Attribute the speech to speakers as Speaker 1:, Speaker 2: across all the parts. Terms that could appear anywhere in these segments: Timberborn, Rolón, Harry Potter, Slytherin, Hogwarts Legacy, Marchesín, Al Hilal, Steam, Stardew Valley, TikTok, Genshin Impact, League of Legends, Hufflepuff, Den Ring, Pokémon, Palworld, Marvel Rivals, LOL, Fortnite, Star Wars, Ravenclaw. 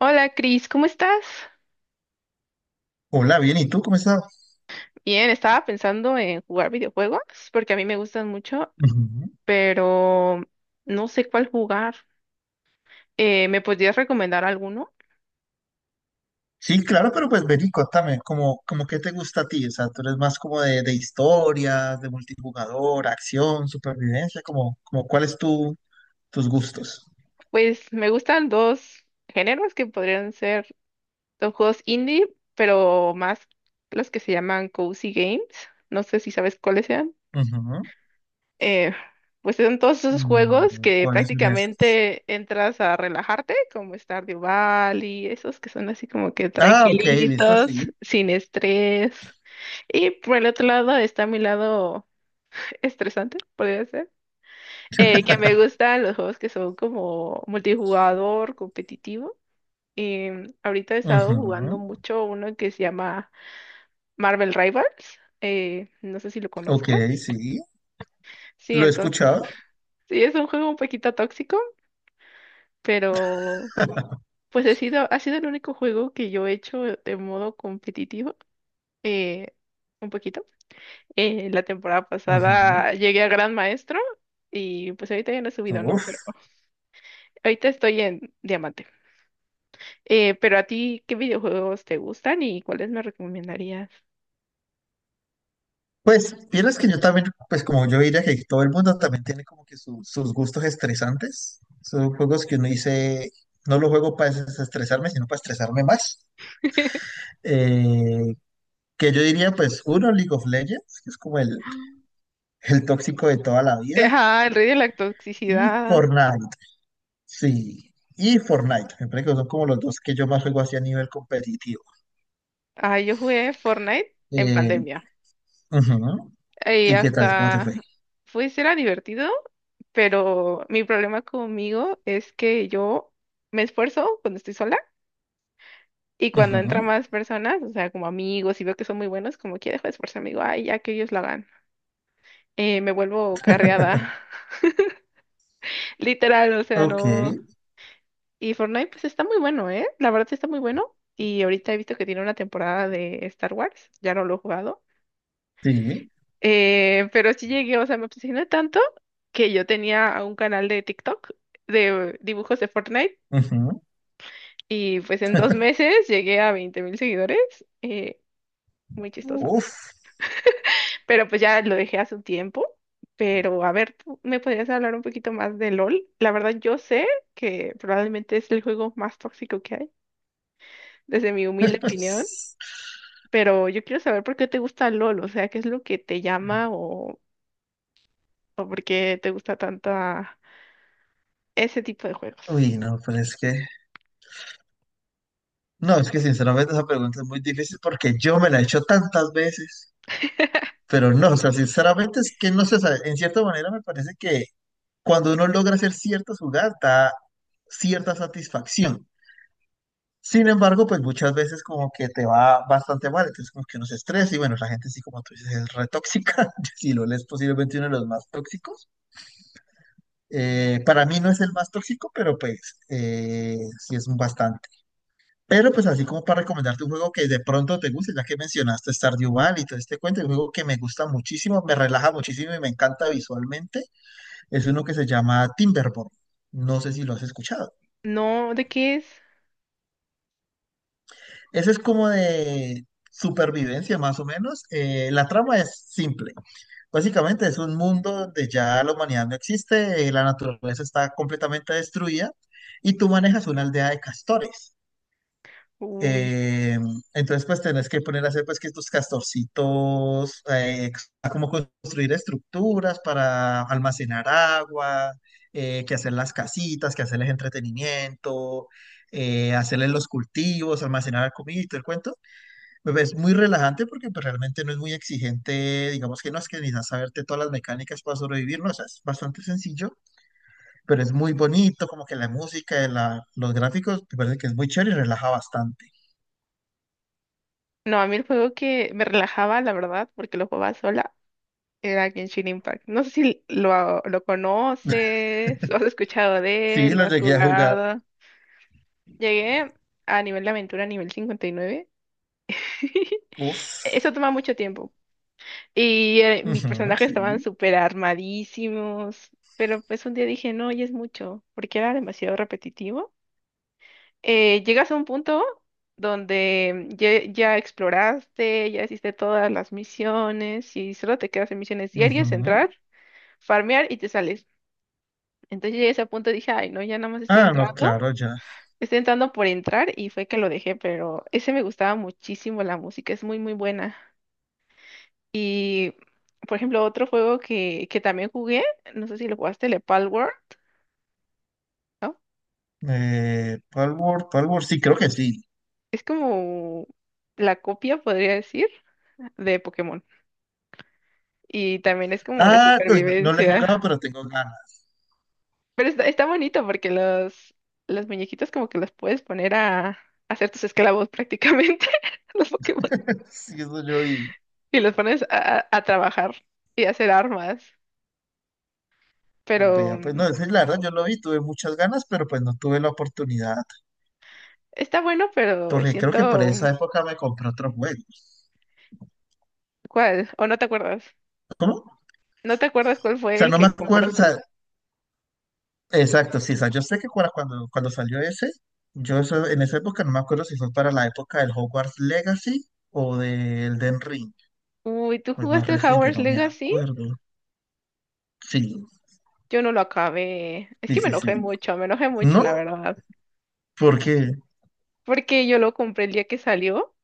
Speaker 1: Hola Cris, ¿cómo estás?
Speaker 2: Hola, bien, ¿y tú cómo estás?
Speaker 1: Bien, estaba pensando en jugar videojuegos porque a mí me gustan mucho,
Speaker 2: Ujú.
Speaker 1: pero no sé cuál jugar. ¿Me podrías recomendar alguno?
Speaker 2: Sí, claro, pero pues vení, contame, como qué te gusta a ti, o sea, tú eres más como de historias, de multijugador, acción, supervivencia, como cuáles tus gustos.
Speaker 1: Pues me gustan dos géneros que podrían ser los juegos indie, pero más los que se llaman cozy games. No sé si sabes cuáles sean.
Speaker 2: Ujú.
Speaker 1: eh, pues son todos esos juegos
Speaker 2: Mm,
Speaker 1: que
Speaker 2: ¿Cuáles son esos?
Speaker 1: prácticamente entras a relajarte, como Stardew Valley, esos que son así como que
Speaker 2: Ah, ok, listo,
Speaker 1: tranquilitos,
Speaker 2: sí.
Speaker 1: sin estrés. Y por el otro lado está mi lado estresante, podría ser, que me gustan los juegos que son como multijugador, competitivo. Y ahorita he estado jugando
Speaker 2: Ujú.
Speaker 1: mucho uno que se llama Marvel Rivals. No sé si lo
Speaker 2: Ok,
Speaker 1: conozcas.
Speaker 2: sí,
Speaker 1: Sí,
Speaker 2: lo he
Speaker 1: entonces,
Speaker 2: escuchado.
Speaker 1: sí, es un juego un poquito tóxico, pero pues he sido, ha sido el único juego que yo he hecho de modo competitivo, eh, un poquito. La temporada
Speaker 2: Ujú.
Speaker 1: pasada llegué a Gran Maestro y pues ahorita ya no he subido, ¿no?
Speaker 2: Uf.
Speaker 1: Pero ahorita estoy en Diamante. Pero a ti, ¿qué videojuegos te gustan y cuáles me recomendarías?
Speaker 2: Pues, vieras que yo también, pues como yo diría que todo el mundo también tiene como que sus gustos estresantes. Son juegos que uno dice, no los juego para desestresarme, sino para estresarme más. Eh, que yo diría, pues, uno, League of Legends, que es como el tóxico de toda la vida,
Speaker 1: Ajá, el rey de la
Speaker 2: y
Speaker 1: toxicidad.
Speaker 2: Fortnite, sí, y Fortnite, me parece que son como los dos que yo más juego así a nivel competitivo.
Speaker 1: Ah, yo jugué Fortnite en
Speaker 2: Eh,
Speaker 1: pandemia.
Speaker 2: ujú.
Speaker 1: Y
Speaker 2: ¿Y qué tal? ¿Cómo te fue?
Speaker 1: hasta, pues era divertido, pero mi problema conmigo es que yo me esfuerzo cuando estoy sola y cuando
Speaker 2: Ujú.
Speaker 1: entran más personas, o sea, como amigos y veo que son muy buenos, como que dejo de esforzarme, digo, ay, ya que ellos lo hagan. Me vuelvo carreada, literal, o sea,
Speaker 2: Ok,
Speaker 1: no. Y Fortnite, pues está muy bueno, ¿eh? La verdad sí está muy bueno. Y ahorita he visto que tiene una temporada de Star Wars, ya no lo he jugado.
Speaker 2: sí.
Speaker 1: Pero sí llegué, o sea, me obsesioné tanto que yo tenía un canal de TikTok de dibujos de Fortnite
Speaker 2: Ujú.
Speaker 1: y pues en dos meses llegué a 20 mil seguidores. eh, Muy chistoso.
Speaker 2: Uf.
Speaker 1: Pero pues ya lo dejé hace un tiempo. Pero a ver, ¿tú me podrías hablar un poquito más de LOL? La verdad, yo sé que probablemente es el juego más tóxico que hay, desde mi humilde opinión,
Speaker 2: Pues,
Speaker 1: pero yo quiero saber por qué te gusta LOL, o sea, qué es lo que te llama o por qué te gusta tanto ese tipo de juegos.
Speaker 2: uy, no, pues es que, no, es que sinceramente esa pregunta es muy difícil porque yo me la he hecho tantas veces, pero no, o sea, sinceramente es que no se sabe, en cierta manera me parece que cuando uno logra hacer ciertas jugadas da cierta satisfacción. Sin embargo, pues muchas veces como que te va bastante mal, entonces como que uno se estresa y bueno, la gente sí, como tú dices, es re tóxica, si lo lees posiblemente uno de los más tóxicos. Para mí no es el más tóxico, pero pues sí es bastante. Pero pues así como para recomendarte un juego que de pronto te guste, ya que mencionaste Stardew Valley y todo este cuento, un juego que me gusta muchísimo, me relaja muchísimo y me encanta visualmente, es uno que se llama Timberborn. No sé si lo has escuchado.
Speaker 1: No, ¿de qué es?
Speaker 2: Ese es como de supervivencia más o menos. La trama es simple. Básicamente es un mundo donde ya la humanidad no existe, la naturaleza está completamente destruida y tú manejas una aldea de castores.
Speaker 1: Uy.
Speaker 2: Eh, entonces, pues tenés que poner a hacer pues que tus castorcitos, a cómo construir estructuras para almacenar agua, que hacer las casitas, que hacerles entretenimiento, hacerles los cultivos, almacenar la comida y todo el cuento. Pues, es muy relajante porque pues, realmente no es muy exigente, digamos que no es que necesitas saberte todas las mecánicas para sobrevivir, no, o sea, es bastante sencillo, pero es muy bonito, como que la música, la, los gráficos, me parece que es muy chévere y relaja bastante.
Speaker 1: No, a mí el juego que me relajaba, la verdad, porque lo jugaba sola, era Genshin Impact. No sé si lo conoces, o has escuchado de
Speaker 2: Sí,
Speaker 1: él, lo
Speaker 2: lo
Speaker 1: has
Speaker 2: llegué a jugar.
Speaker 1: jugado. Llegué a nivel de aventura, nivel 59.
Speaker 2: Uf.
Speaker 1: Eso toma mucho tiempo. Y mis
Speaker 2: Ujú,
Speaker 1: personajes estaban
Speaker 2: sí.
Speaker 1: súper armadísimos. Pero pues un día dije, no, ya es mucho, porque era demasiado repetitivo. Llegas a un punto donde ya exploraste, ya hiciste todas las misiones y solo te quedas en misiones diarias,
Speaker 2: Ujú.
Speaker 1: entrar, farmear y te sales. Entonces llegué a ese punto y dije, ay, no, ya nada más
Speaker 2: Ah, no, claro, ya.
Speaker 1: estoy entrando por entrar y fue que lo dejé, pero ese me gustaba muchísimo, la música es muy, muy buena. Y, por ejemplo, otro juego que también jugué, no sé si lo jugaste, el Palworld, ¿no?
Speaker 2: Palworld, Palworld, sí, creo que sí.
Speaker 1: Es como la copia, podría decir, de Pokémon. Y también es como de
Speaker 2: Ah, no, no, no le he
Speaker 1: supervivencia.
Speaker 2: jugado, pero tengo ganas.
Speaker 1: Pero está bonito porque los muñequitos como que los puedes poner a hacer tus esclavos prácticamente, los Pokémon.
Speaker 2: Sí, eso yo y
Speaker 1: Y los pones a trabajar y a hacer armas. Pero
Speaker 2: vea, pues
Speaker 1: mm,
Speaker 2: no, ese, la verdad yo lo vi, tuve muchas ganas, pero pues no tuve la oportunidad,
Speaker 1: está bueno, pero
Speaker 2: porque creo que por
Speaker 1: siento... mm,
Speaker 2: esa época me compré otro juego.
Speaker 1: ¿cuál? ¿O no te acuerdas?
Speaker 2: ¿Cómo? O
Speaker 1: ¿No te acuerdas cuál fue
Speaker 2: sea,
Speaker 1: el
Speaker 2: no me
Speaker 1: que
Speaker 2: acuerdo.
Speaker 1: compraste?
Speaker 2: Exacto, sí, o sea, yo sé que cuando salió ese, yo en esa época no me acuerdo si fue para la época del Hogwarts Legacy o del Den Ring,
Speaker 1: Uy, ¿tú
Speaker 2: pues más
Speaker 1: jugaste
Speaker 2: reciente,
Speaker 1: Hogwarts
Speaker 2: no me
Speaker 1: Legacy?
Speaker 2: acuerdo. Sí,
Speaker 1: Yo no lo acabé. Es
Speaker 2: sí,
Speaker 1: que
Speaker 2: sí, sí.
Speaker 1: me enojé mucho,
Speaker 2: ¿No?
Speaker 1: la verdad.
Speaker 2: Porque
Speaker 1: Porque yo lo compré el día que salió.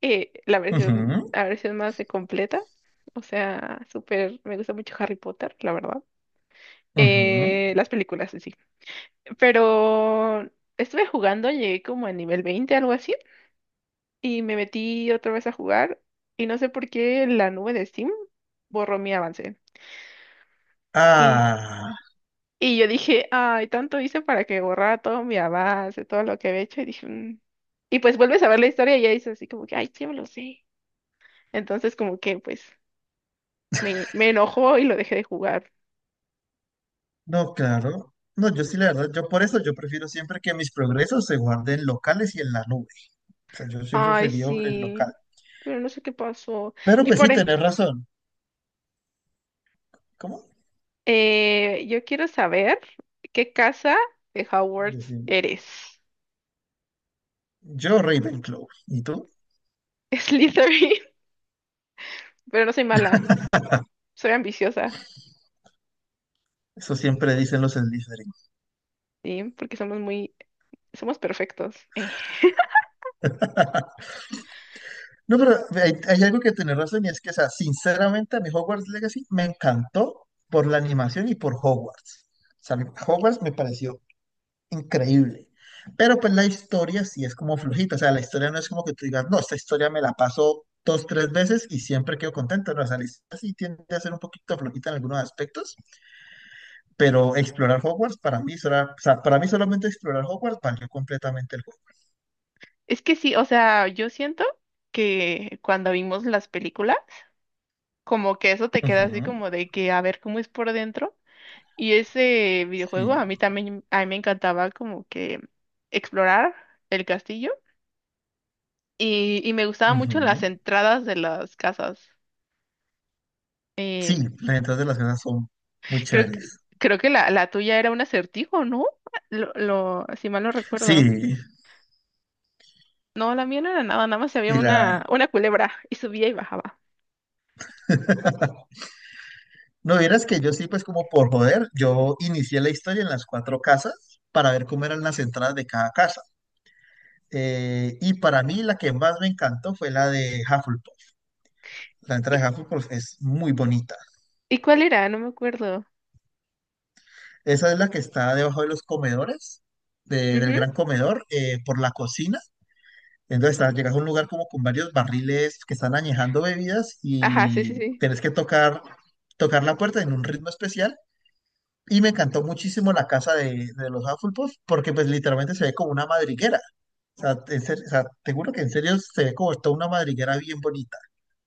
Speaker 1: La versión,
Speaker 2: ujú,
Speaker 1: la versión más de completa. O sea, súper, me gusta mucho Harry Potter, la verdad.
Speaker 2: ujú.
Speaker 1: Las películas en sí. Pero estuve jugando, llegué como a nivel 20 algo así, y me metí otra vez a jugar, y no sé por qué la nube de Steam borró mi avance. Y,
Speaker 2: Ah,
Speaker 1: y yo dije, ay, tanto hice para que borrara todo mi avance, todo lo que había hecho, y dije, "Mm". Y pues vuelves a ver la historia y ya dices así como que, ay, sí, me lo sé. Entonces como que pues me enojó y lo dejé de jugar.
Speaker 2: no, claro. No, yo sí, la verdad, yo por eso yo prefiero siempre que mis progresos se guarden locales y en la nube. O sea, yo siempre
Speaker 1: Ay,
Speaker 2: preferí el
Speaker 1: sí,
Speaker 2: local.
Speaker 1: pero no sé qué pasó.
Speaker 2: Pero
Speaker 1: Y
Speaker 2: pues sí,
Speaker 1: por e-
Speaker 2: tenés razón. ¿Cómo?
Speaker 1: yo quiero saber qué casa de Hogwarts
Speaker 2: Decime.
Speaker 1: eres.
Speaker 2: Yo Ravenclaw. ¿Y tú?
Speaker 1: Slytherin, pero no soy mala, soy ambiciosa,
Speaker 2: Eso siempre dicen los Slytherin.
Speaker 1: ¿sí? Porque somos muy, somos perfectos.
Speaker 2: No, pero hay algo que tener razón y es que, o sea, sinceramente a mi Hogwarts Legacy me encantó por la animación y por Hogwarts. O sea, Hogwarts me pareció increíble. Pero pues la historia sí es como flojita. O sea, la historia no es como que tú digas, no, esta historia me la paso dos, tres veces y siempre quedo contento. No, o sea, la historia sí tiende a ser un poquito flojita en algunos aspectos, pero explorar Hogwarts para mí, o sea, para mí solamente explorar Hogwarts valió completamente el juego.
Speaker 1: Es que sí, o sea, yo siento que cuando vimos las películas, como que eso te queda así
Speaker 2: Ujú,
Speaker 1: como de que a ver cómo es por dentro. Y ese videojuego
Speaker 2: sí.
Speaker 1: a mí también, a mí me encantaba como que explorar el castillo y me gustaban mucho las
Speaker 2: Ujú.
Speaker 1: entradas de las casas. Eh,
Speaker 2: Sí, las entradas de las casas son muy
Speaker 1: creo que,
Speaker 2: chéveres.
Speaker 1: creo que la tuya era un acertijo, ¿no? Si mal no recuerdo.
Speaker 2: Sí,
Speaker 1: No, la mía no era nada, nada más había
Speaker 2: y la...
Speaker 1: una culebra y subía y bajaba.
Speaker 2: No vieras que yo sí, pues como por joder, yo inicié la historia en las cuatro casas para ver cómo eran las entradas de cada casa. Y para mí la que más me encantó fue la de Hufflepuff. La entrada
Speaker 1: ¿Y,
Speaker 2: de Hufflepuff es muy bonita.
Speaker 1: ¿Y cuál era? No me acuerdo.
Speaker 2: Esa es la que está debajo de los comedores, del
Speaker 1: Ujú,
Speaker 2: gran comedor, por la cocina. Entonces, ah, llegas a un lugar como con varios barriles que están añejando bebidas
Speaker 1: ajá, sí, sí,
Speaker 2: y
Speaker 1: sí.
Speaker 2: tenés que tocar, tocar la puerta en un ritmo especial. Y me encantó muchísimo la casa de, los Hufflepuff porque pues literalmente se ve como una madriguera. O sea, en o sea, te juro que en serio se ve como toda una madriguera bien bonita.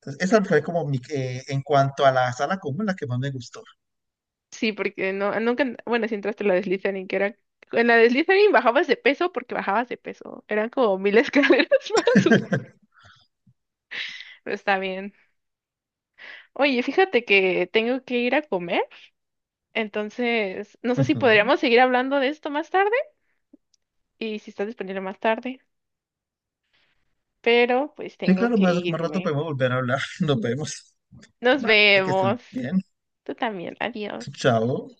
Speaker 2: Entonces, esa fue como mi, en cuanto a la sala común, la que más me gustó.
Speaker 1: Sí, porque no, nunca, bueno, si entraste a la de Slytherin, en la de Slytherin bajabas de peso porque bajabas de peso, eran como mil escaleras para subir, pero está bien. Oye, fíjate que tengo que ir a comer, entonces no sé si
Speaker 2: Ujú.
Speaker 1: podríamos seguir hablando de esto más tarde y si estás disponible más tarde, pero pues
Speaker 2: Sí,
Speaker 1: tengo
Speaker 2: claro,
Speaker 1: que
Speaker 2: más rato
Speaker 1: irme.
Speaker 2: podemos volver a hablar. Nos vemos.
Speaker 1: Nos
Speaker 2: Vale, que estés
Speaker 1: vemos.
Speaker 2: bien.
Speaker 1: Tú también, adiós.
Speaker 2: Chao.